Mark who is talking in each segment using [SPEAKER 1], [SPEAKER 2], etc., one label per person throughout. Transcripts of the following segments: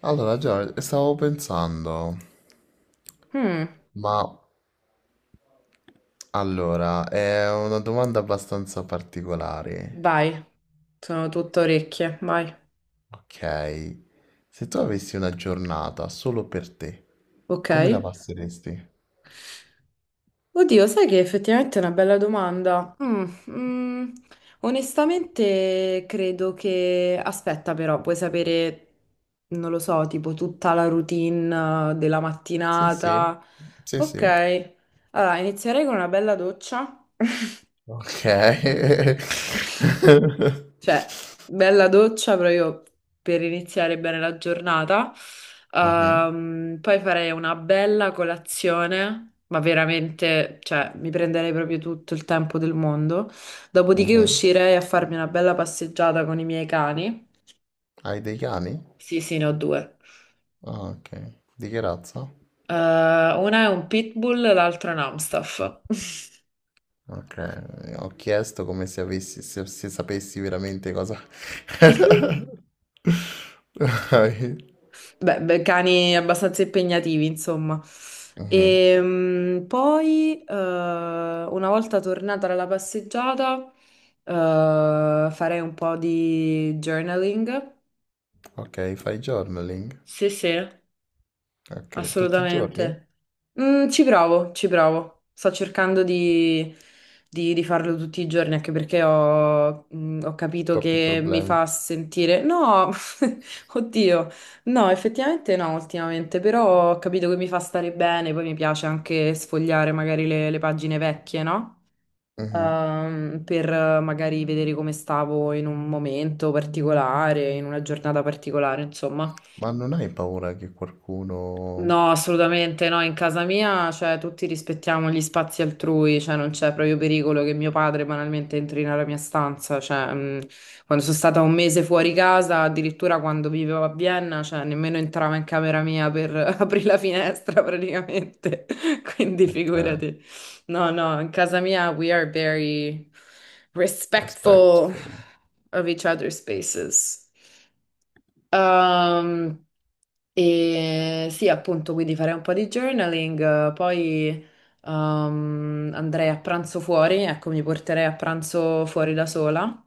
[SPEAKER 1] Allora, Giorgio, stavo pensando,
[SPEAKER 2] Mm,
[SPEAKER 1] ma allora, è una domanda abbastanza particolare.
[SPEAKER 2] vai, sono tutto orecchie, vai.
[SPEAKER 1] Ok, se tu avessi una giornata solo per te,
[SPEAKER 2] Ok.
[SPEAKER 1] come la passeresti?
[SPEAKER 2] Oddio, sai che effettivamente è una bella domanda. Onestamente credo che. Aspetta però, puoi sapere, non lo so, tipo tutta la routine della
[SPEAKER 1] Sì, sì,
[SPEAKER 2] mattinata.
[SPEAKER 1] sì,
[SPEAKER 2] Ok,
[SPEAKER 1] sì.
[SPEAKER 2] allora inizierei con una bella doccia.
[SPEAKER 1] Ok.
[SPEAKER 2] Cioè, bella doccia proprio per iniziare bene la giornata.
[SPEAKER 1] Mhm,
[SPEAKER 2] Poi farei una bella colazione, ma veramente, cioè, mi prenderei proprio tutto il tempo del mondo. Dopodiché
[SPEAKER 1] mhm.
[SPEAKER 2] uscirei a farmi una bella passeggiata con i miei cani.
[SPEAKER 1] Hai dei cani?
[SPEAKER 2] Sì, sì, ne ho due.
[SPEAKER 1] Ah, ok. Di che razza?
[SPEAKER 2] Una è un pitbull, l'altra è un Amstaff.
[SPEAKER 1] Ok, ho chiesto come se avessi, se sapessi veramente cosa... Dai.
[SPEAKER 2] Beh, beh, cani abbastanza impegnativi, insomma.
[SPEAKER 1] Mhm.
[SPEAKER 2] E poi, una volta tornata dalla passeggiata, eh, farei un po' di journaling.
[SPEAKER 1] Ok, fai journaling?
[SPEAKER 2] Sì, sì.
[SPEAKER 1] Ok, tutti i giorni?
[SPEAKER 2] Assolutamente. Ci provo, ci provo. Sto cercando di farlo tutti i giorni, anche perché ho capito
[SPEAKER 1] Troppi
[SPEAKER 2] che mi
[SPEAKER 1] problemi.
[SPEAKER 2] fa sentire. No, oddio, no, effettivamente no, ultimamente, però ho capito che mi fa stare bene, poi mi piace anche sfogliare magari le pagine vecchie, no?
[SPEAKER 1] Mhm.
[SPEAKER 2] Per magari vedere come stavo in un momento particolare, in una giornata particolare, insomma.
[SPEAKER 1] Ma non hai paura che qualcuno...
[SPEAKER 2] No, assolutamente no, in casa mia, cioè, tutti rispettiamo gli spazi altrui, cioè, non c'è proprio pericolo che mio padre banalmente entri nella mia stanza, cioè, quando sono stata un mese fuori casa, addirittura quando vivevo a Vienna, cioè, nemmeno entrava in camera mia per aprire la finestra praticamente, quindi
[SPEAKER 1] Ok,
[SPEAKER 2] figurati. No, no, in casa mia we are very respectful
[SPEAKER 1] respectful.
[SPEAKER 2] of each other's spaces. Ehm, e sì, appunto, quindi farei un po' di journaling, poi andrei a pranzo fuori, ecco, mi porterei a pranzo fuori da sola,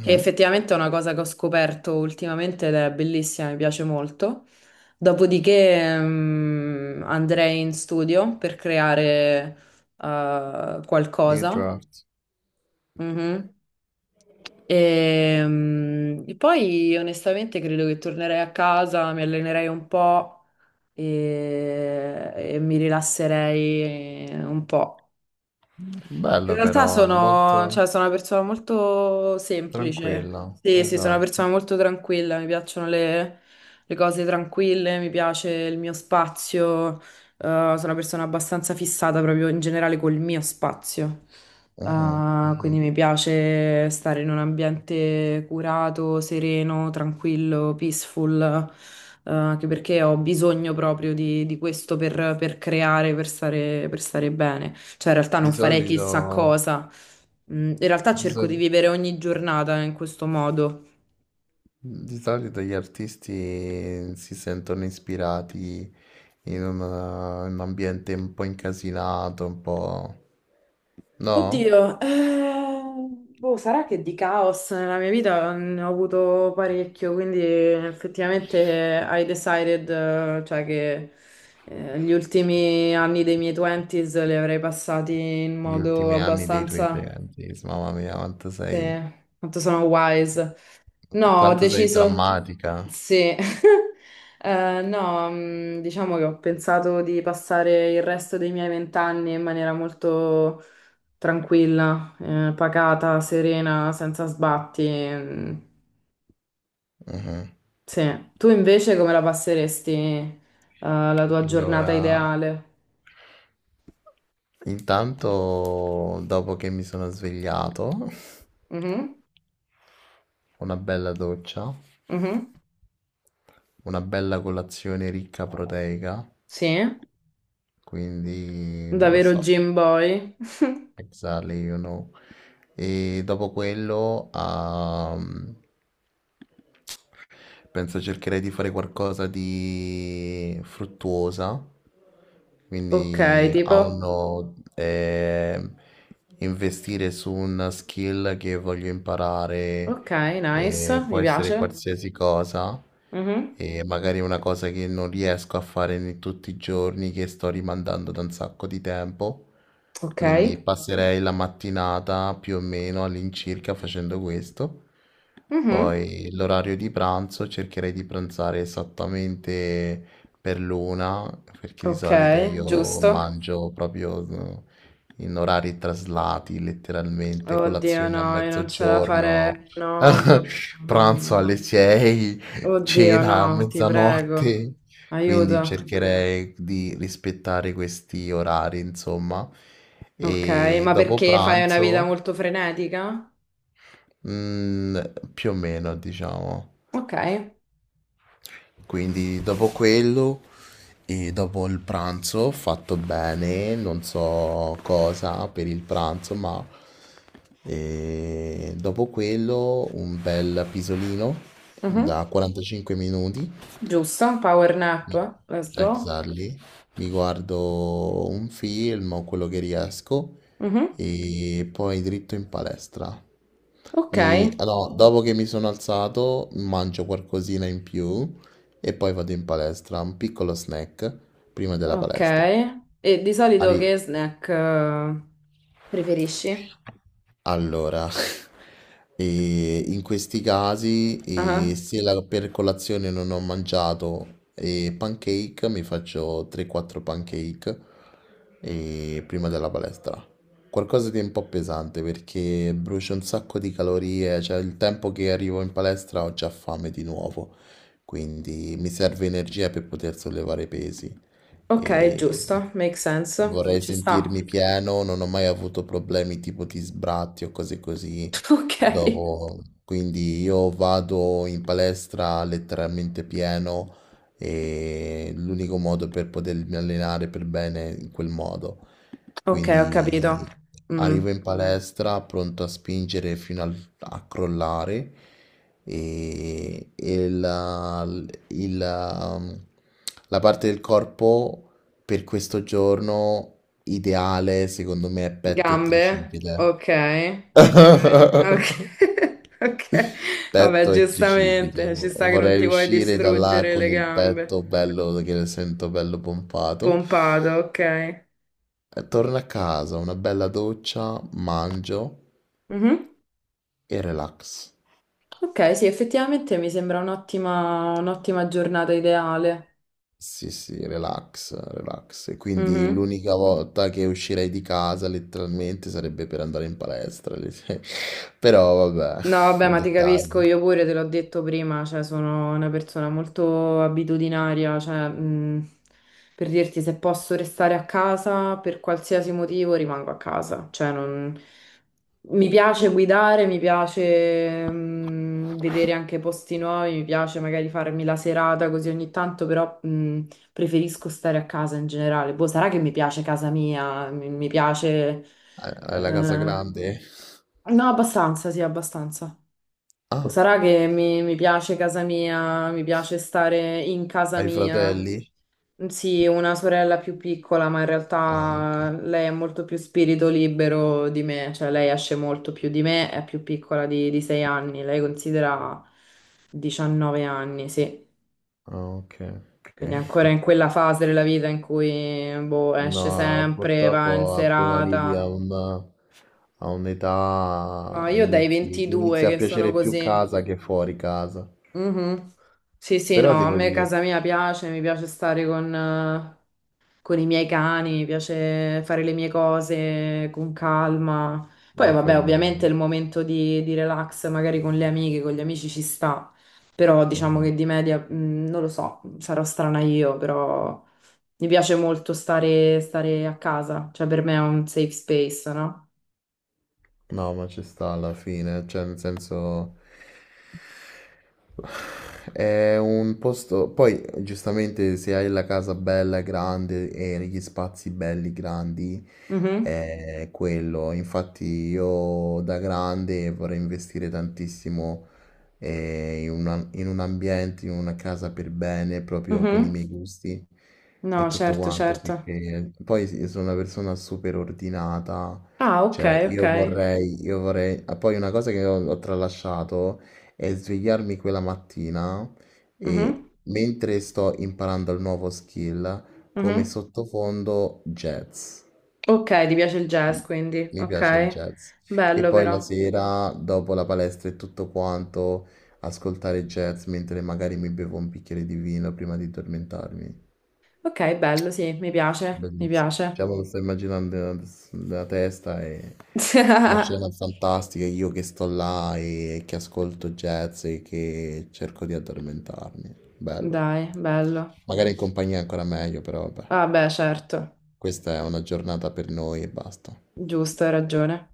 [SPEAKER 2] che effettivamente è una cosa che ho scoperto ultimamente ed è bellissima, mi piace molto. Dopodiché andrei in studio per creare
[SPEAKER 1] New
[SPEAKER 2] qualcosa.
[SPEAKER 1] draft.
[SPEAKER 2] Mhm. E poi onestamente credo che tornerei a casa, mi allenerei un po' e mi rilasserei un po'. In
[SPEAKER 1] Bello
[SPEAKER 2] realtà
[SPEAKER 1] però, è
[SPEAKER 2] sono,
[SPEAKER 1] molto
[SPEAKER 2] cioè, sono una persona molto
[SPEAKER 1] tranquillo.
[SPEAKER 2] semplice. Sì, sì, sono una persona
[SPEAKER 1] Esatto.
[SPEAKER 2] molto tranquilla. Mi piacciono le cose tranquille, mi piace il mio spazio. Sono una persona abbastanza fissata proprio in generale col mio spazio.
[SPEAKER 1] Mhm, mhm.
[SPEAKER 2] Quindi mi piace stare in un ambiente curato, sereno, tranquillo, peaceful. Anche perché ho bisogno proprio di questo per creare, per stare bene. Cioè, in realtà
[SPEAKER 1] Di
[SPEAKER 2] non farei
[SPEAKER 1] solito...
[SPEAKER 2] chissà cosa. In realtà
[SPEAKER 1] di
[SPEAKER 2] cerco di
[SPEAKER 1] soli-
[SPEAKER 2] vivere ogni giornata in questo modo.
[SPEAKER 1] Di solito gli artisti si sentono ispirati in un ambiente un po' incasinato, un po'... No?
[SPEAKER 2] Oddio, boh, sarà che di caos nella mia vita ne ho avuto parecchio, quindi effettivamente I decided, cioè che gli ultimi anni dei miei 20s li avrei passati in
[SPEAKER 1] Gli
[SPEAKER 2] modo
[SPEAKER 1] ultimi anni dei tuoi
[SPEAKER 2] abbastanza,
[SPEAKER 1] parenti, mamma mia, quanto
[SPEAKER 2] sì,
[SPEAKER 1] sei,
[SPEAKER 2] quanto sono wise. No, ho
[SPEAKER 1] quanto sei
[SPEAKER 2] deciso.
[SPEAKER 1] drammatica.
[SPEAKER 2] Sì, no, diciamo che ho pensato di passare il resto dei miei vent'anni in maniera molto tranquilla, pacata, serena, senza sbatti. Mm,
[SPEAKER 1] Mhm.
[SPEAKER 2] sì, tu invece come la passeresti, la tua giornata
[SPEAKER 1] Allora,
[SPEAKER 2] ideale?
[SPEAKER 1] intanto dopo che mi sono svegliato,
[SPEAKER 2] Mhm,
[SPEAKER 1] una bella doccia,
[SPEAKER 2] mhm,
[SPEAKER 1] una bella colazione ricca proteica,
[SPEAKER 2] sì,
[SPEAKER 1] quindi non lo
[SPEAKER 2] davvero
[SPEAKER 1] so,
[SPEAKER 2] gym boy?
[SPEAKER 1] exactly, you know. E dopo quello, penso cercherei di fare qualcosa di fruttuosa,
[SPEAKER 2] Ok,
[SPEAKER 1] quindi a
[SPEAKER 2] tipo,
[SPEAKER 1] uno investire su una skill che voglio imparare,
[SPEAKER 2] ok, nice, mi
[SPEAKER 1] può essere
[SPEAKER 2] piace.
[SPEAKER 1] qualsiasi cosa,
[SPEAKER 2] Mhm,
[SPEAKER 1] e magari una cosa che non riesco a fare tutti i giorni, che sto rimandando da un sacco di tempo.
[SPEAKER 2] ok,
[SPEAKER 1] Quindi passerei la mattinata più o meno all'incirca facendo questo.
[SPEAKER 2] mhm,
[SPEAKER 1] Poi l'orario di pranzo cercherei di pranzare esattamente per l'una, perché di
[SPEAKER 2] ok,
[SPEAKER 1] solito io
[SPEAKER 2] giusto.
[SPEAKER 1] mangio proprio in orari traslati, letteralmente,
[SPEAKER 2] Oddio,
[SPEAKER 1] colazione a
[SPEAKER 2] no, io non ce la
[SPEAKER 1] mezzogiorno,
[SPEAKER 2] farei. No, no.
[SPEAKER 1] pranzo alle 6,
[SPEAKER 2] Oddio, no,
[SPEAKER 1] cena a
[SPEAKER 2] ti prego.
[SPEAKER 1] mezzanotte. Quindi
[SPEAKER 2] Aiuto.
[SPEAKER 1] cercherei di rispettare questi orari, insomma.
[SPEAKER 2] Ok,
[SPEAKER 1] E
[SPEAKER 2] ma
[SPEAKER 1] dopo
[SPEAKER 2] perché fai una vita
[SPEAKER 1] pranzo,
[SPEAKER 2] molto frenetica?
[SPEAKER 1] mm, più o meno, diciamo.
[SPEAKER 2] Ok,
[SPEAKER 1] Quindi dopo quello e dopo il pranzo ho fatto bene, non so cosa per il pranzo, ma dopo quello un bel pisolino
[SPEAKER 2] mhm.
[SPEAKER 1] da 45 minuti
[SPEAKER 2] Giusto, power nap,
[SPEAKER 1] Mi-
[SPEAKER 2] let's go.
[SPEAKER 1] Exactly. Mi guardo un film o quello che riesco
[SPEAKER 2] Mhm.
[SPEAKER 1] e poi dritto in palestra.
[SPEAKER 2] Ok,
[SPEAKER 1] No, dopo che mi sono alzato, mangio qualcosina in più e poi vado in palestra, un piccolo snack prima della
[SPEAKER 2] ok.
[SPEAKER 1] palestra.
[SPEAKER 2] E di solito
[SPEAKER 1] Ari-
[SPEAKER 2] che snack preferisci?
[SPEAKER 1] Allora, in questi casi,
[SPEAKER 2] Ah,
[SPEAKER 1] se la- per colazione non ho mangiato pancake, mi faccio 3-4 pancake prima della palestra. Qualcosa di un po' pesante perché brucio un sacco di calorie, cioè il tempo che arrivo in palestra ho già fame di nuovo, quindi mi serve energia per poter sollevare pesi.
[SPEAKER 2] ok,
[SPEAKER 1] E
[SPEAKER 2] giusto, make sense,
[SPEAKER 1] vorrei
[SPEAKER 2] ci sta.
[SPEAKER 1] sentirmi pieno, non ho mai avuto problemi tipo di sbratti o cose così
[SPEAKER 2] Ok,
[SPEAKER 1] dopo. Quindi io vado in palestra letteralmente pieno e l'unico modo per potermi allenare per bene è in quel modo.
[SPEAKER 2] ok, ho capito.
[SPEAKER 1] Quindi
[SPEAKER 2] Mm.
[SPEAKER 1] arrivo in palestra pronto a spingere a crollare e il- um, la parte del corpo per questo giorno ideale secondo me è petto e
[SPEAKER 2] Gambe,
[SPEAKER 1] tricipite.
[SPEAKER 2] ok, ok, ok, ok. Vabbè,
[SPEAKER 1] Petto e tricipite.
[SPEAKER 2] giustamente, ci sta che non
[SPEAKER 1] Vorrei
[SPEAKER 2] ti vuoi
[SPEAKER 1] uscire da là
[SPEAKER 2] distruggere
[SPEAKER 1] con
[SPEAKER 2] le
[SPEAKER 1] il
[SPEAKER 2] gambe.
[SPEAKER 1] petto bello che sento bello pompato.
[SPEAKER 2] Pompato, ok.
[SPEAKER 1] Torno a casa, una bella doccia, mangio
[SPEAKER 2] Mhm.
[SPEAKER 1] e relax.
[SPEAKER 2] Ok, sì, effettivamente mi sembra un'ottima giornata ideale.
[SPEAKER 1] Sì, sì, relax, relax. E quindi
[SPEAKER 2] Mhm.
[SPEAKER 1] l'unica volta che uscirei di casa letteralmente sarebbe per andare in palestra. Però vabbè,
[SPEAKER 2] No, vabbè,
[SPEAKER 1] i
[SPEAKER 2] ma ti capisco,
[SPEAKER 1] dettagli.
[SPEAKER 2] io pure te l'ho detto prima, cioè sono una persona molto abitudinaria, cioè per dirti se posso restare a casa per qualsiasi motivo rimango a casa, cioè non... Mi piace guidare, mi piace vedere anche posti nuovi, mi piace magari farmi la serata così ogni tanto, però preferisco stare a casa in generale. Boh, sarà che mi piace casa mia, mi piace.
[SPEAKER 1] Hai la casa
[SPEAKER 2] eh,
[SPEAKER 1] grande?
[SPEAKER 2] No, abbastanza, sì, abbastanza.
[SPEAKER 1] Ah,
[SPEAKER 2] Sarà che mi piace casa mia, mi piace stare in casa
[SPEAKER 1] hai
[SPEAKER 2] mia.
[SPEAKER 1] fratelli?
[SPEAKER 2] Sì, una sorella più piccola, ma in
[SPEAKER 1] Ah,
[SPEAKER 2] realtà
[SPEAKER 1] ok.
[SPEAKER 2] lei è molto più spirito libero di me, cioè lei esce molto più di me, è più piccola di 6 anni, lei considera 19 anni, sì.
[SPEAKER 1] Ah, ok. Ok.
[SPEAKER 2] Quindi è ancora in quella fase della vita in cui boh, esce
[SPEAKER 1] No,
[SPEAKER 2] sempre, va in
[SPEAKER 1] purtroppo appena arrivi a
[SPEAKER 2] serata.
[SPEAKER 1] a
[SPEAKER 2] No,
[SPEAKER 1] un'età
[SPEAKER 2] io dai
[SPEAKER 1] inizi, ti
[SPEAKER 2] 22
[SPEAKER 1] inizia a
[SPEAKER 2] che sono
[SPEAKER 1] piacere più
[SPEAKER 2] così.
[SPEAKER 1] casa che fuori casa.
[SPEAKER 2] Mhm. Sì, sì,
[SPEAKER 1] Però
[SPEAKER 2] no, a
[SPEAKER 1] devo
[SPEAKER 2] me
[SPEAKER 1] dire,
[SPEAKER 2] casa mia piace, mi piace stare con i miei cani, mi piace fare le mie cose con calma. Poi,
[SPEAKER 1] ma
[SPEAKER 2] vabbè,
[SPEAKER 1] fai bene.
[SPEAKER 2] ovviamente il momento di relax, magari con le amiche, con gli amici ci sta, però diciamo
[SPEAKER 1] Mhm.
[SPEAKER 2] che di media, non lo so, sarò strana io, però mi piace molto stare a casa, cioè per me è un safe space, no?
[SPEAKER 1] No, ma ci sta alla fine, cioè nel senso è un posto, poi giustamente se hai la casa bella, grande e gli spazi belli, grandi,
[SPEAKER 2] Mhm,
[SPEAKER 1] è quello. Infatti io da grande vorrei investire tantissimo in un ambiente, in una casa per bene, proprio con i
[SPEAKER 2] mhm.
[SPEAKER 1] miei gusti e
[SPEAKER 2] No,
[SPEAKER 1] tutto
[SPEAKER 2] certo,
[SPEAKER 1] quanto,
[SPEAKER 2] certo.
[SPEAKER 1] perché poi sì, sono una persona super ordinata,
[SPEAKER 2] Ah, ok,
[SPEAKER 1] cioè
[SPEAKER 2] ok.
[SPEAKER 1] io vorrei... ah, poi una cosa che ho tralasciato è svegliarmi quella mattina
[SPEAKER 2] Mhm,
[SPEAKER 1] e mentre sto imparando il nuovo skill, come
[SPEAKER 2] mhm.
[SPEAKER 1] sottofondo jazz.
[SPEAKER 2] Ok, ti piace il jazz, quindi,
[SPEAKER 1] Mi piace il
[SPEAKER 2] ok.
[SPEAKER 1] jazz. E
[SPEAKER 2] Bello
[SPEAKER 1] poi la
[SPEAKER 2] però.
[SPEAKER 1] sera, dopo la palestra e tutto quanto, ascoltare jazz mentre magari mi bevo un bicchiere di vino prima di addormentarmi.
[SPEAKER 2] Ok, bello, sì, mi piace, mi
[SPEAKER 1] Bellissimo.
[SPEAKER 2] piace.
[SPEAKER 1] Cioè, me lo sto immaginando nella testa e una scena fantastica. Io che sto là e che ascolto jazz e che cerco di addormentarmi. Bello.
[SPEAKER 2] Dai, bello.
[SPEAKER 1] Magari in compagnia è ancora meglio, però vabbè.
[SPEAKER 2] Vabbè, certo,
[SPEAKER 1] Questa è una giornata per noi e basta.
[SPEAKER 2] giusto, hai ragione.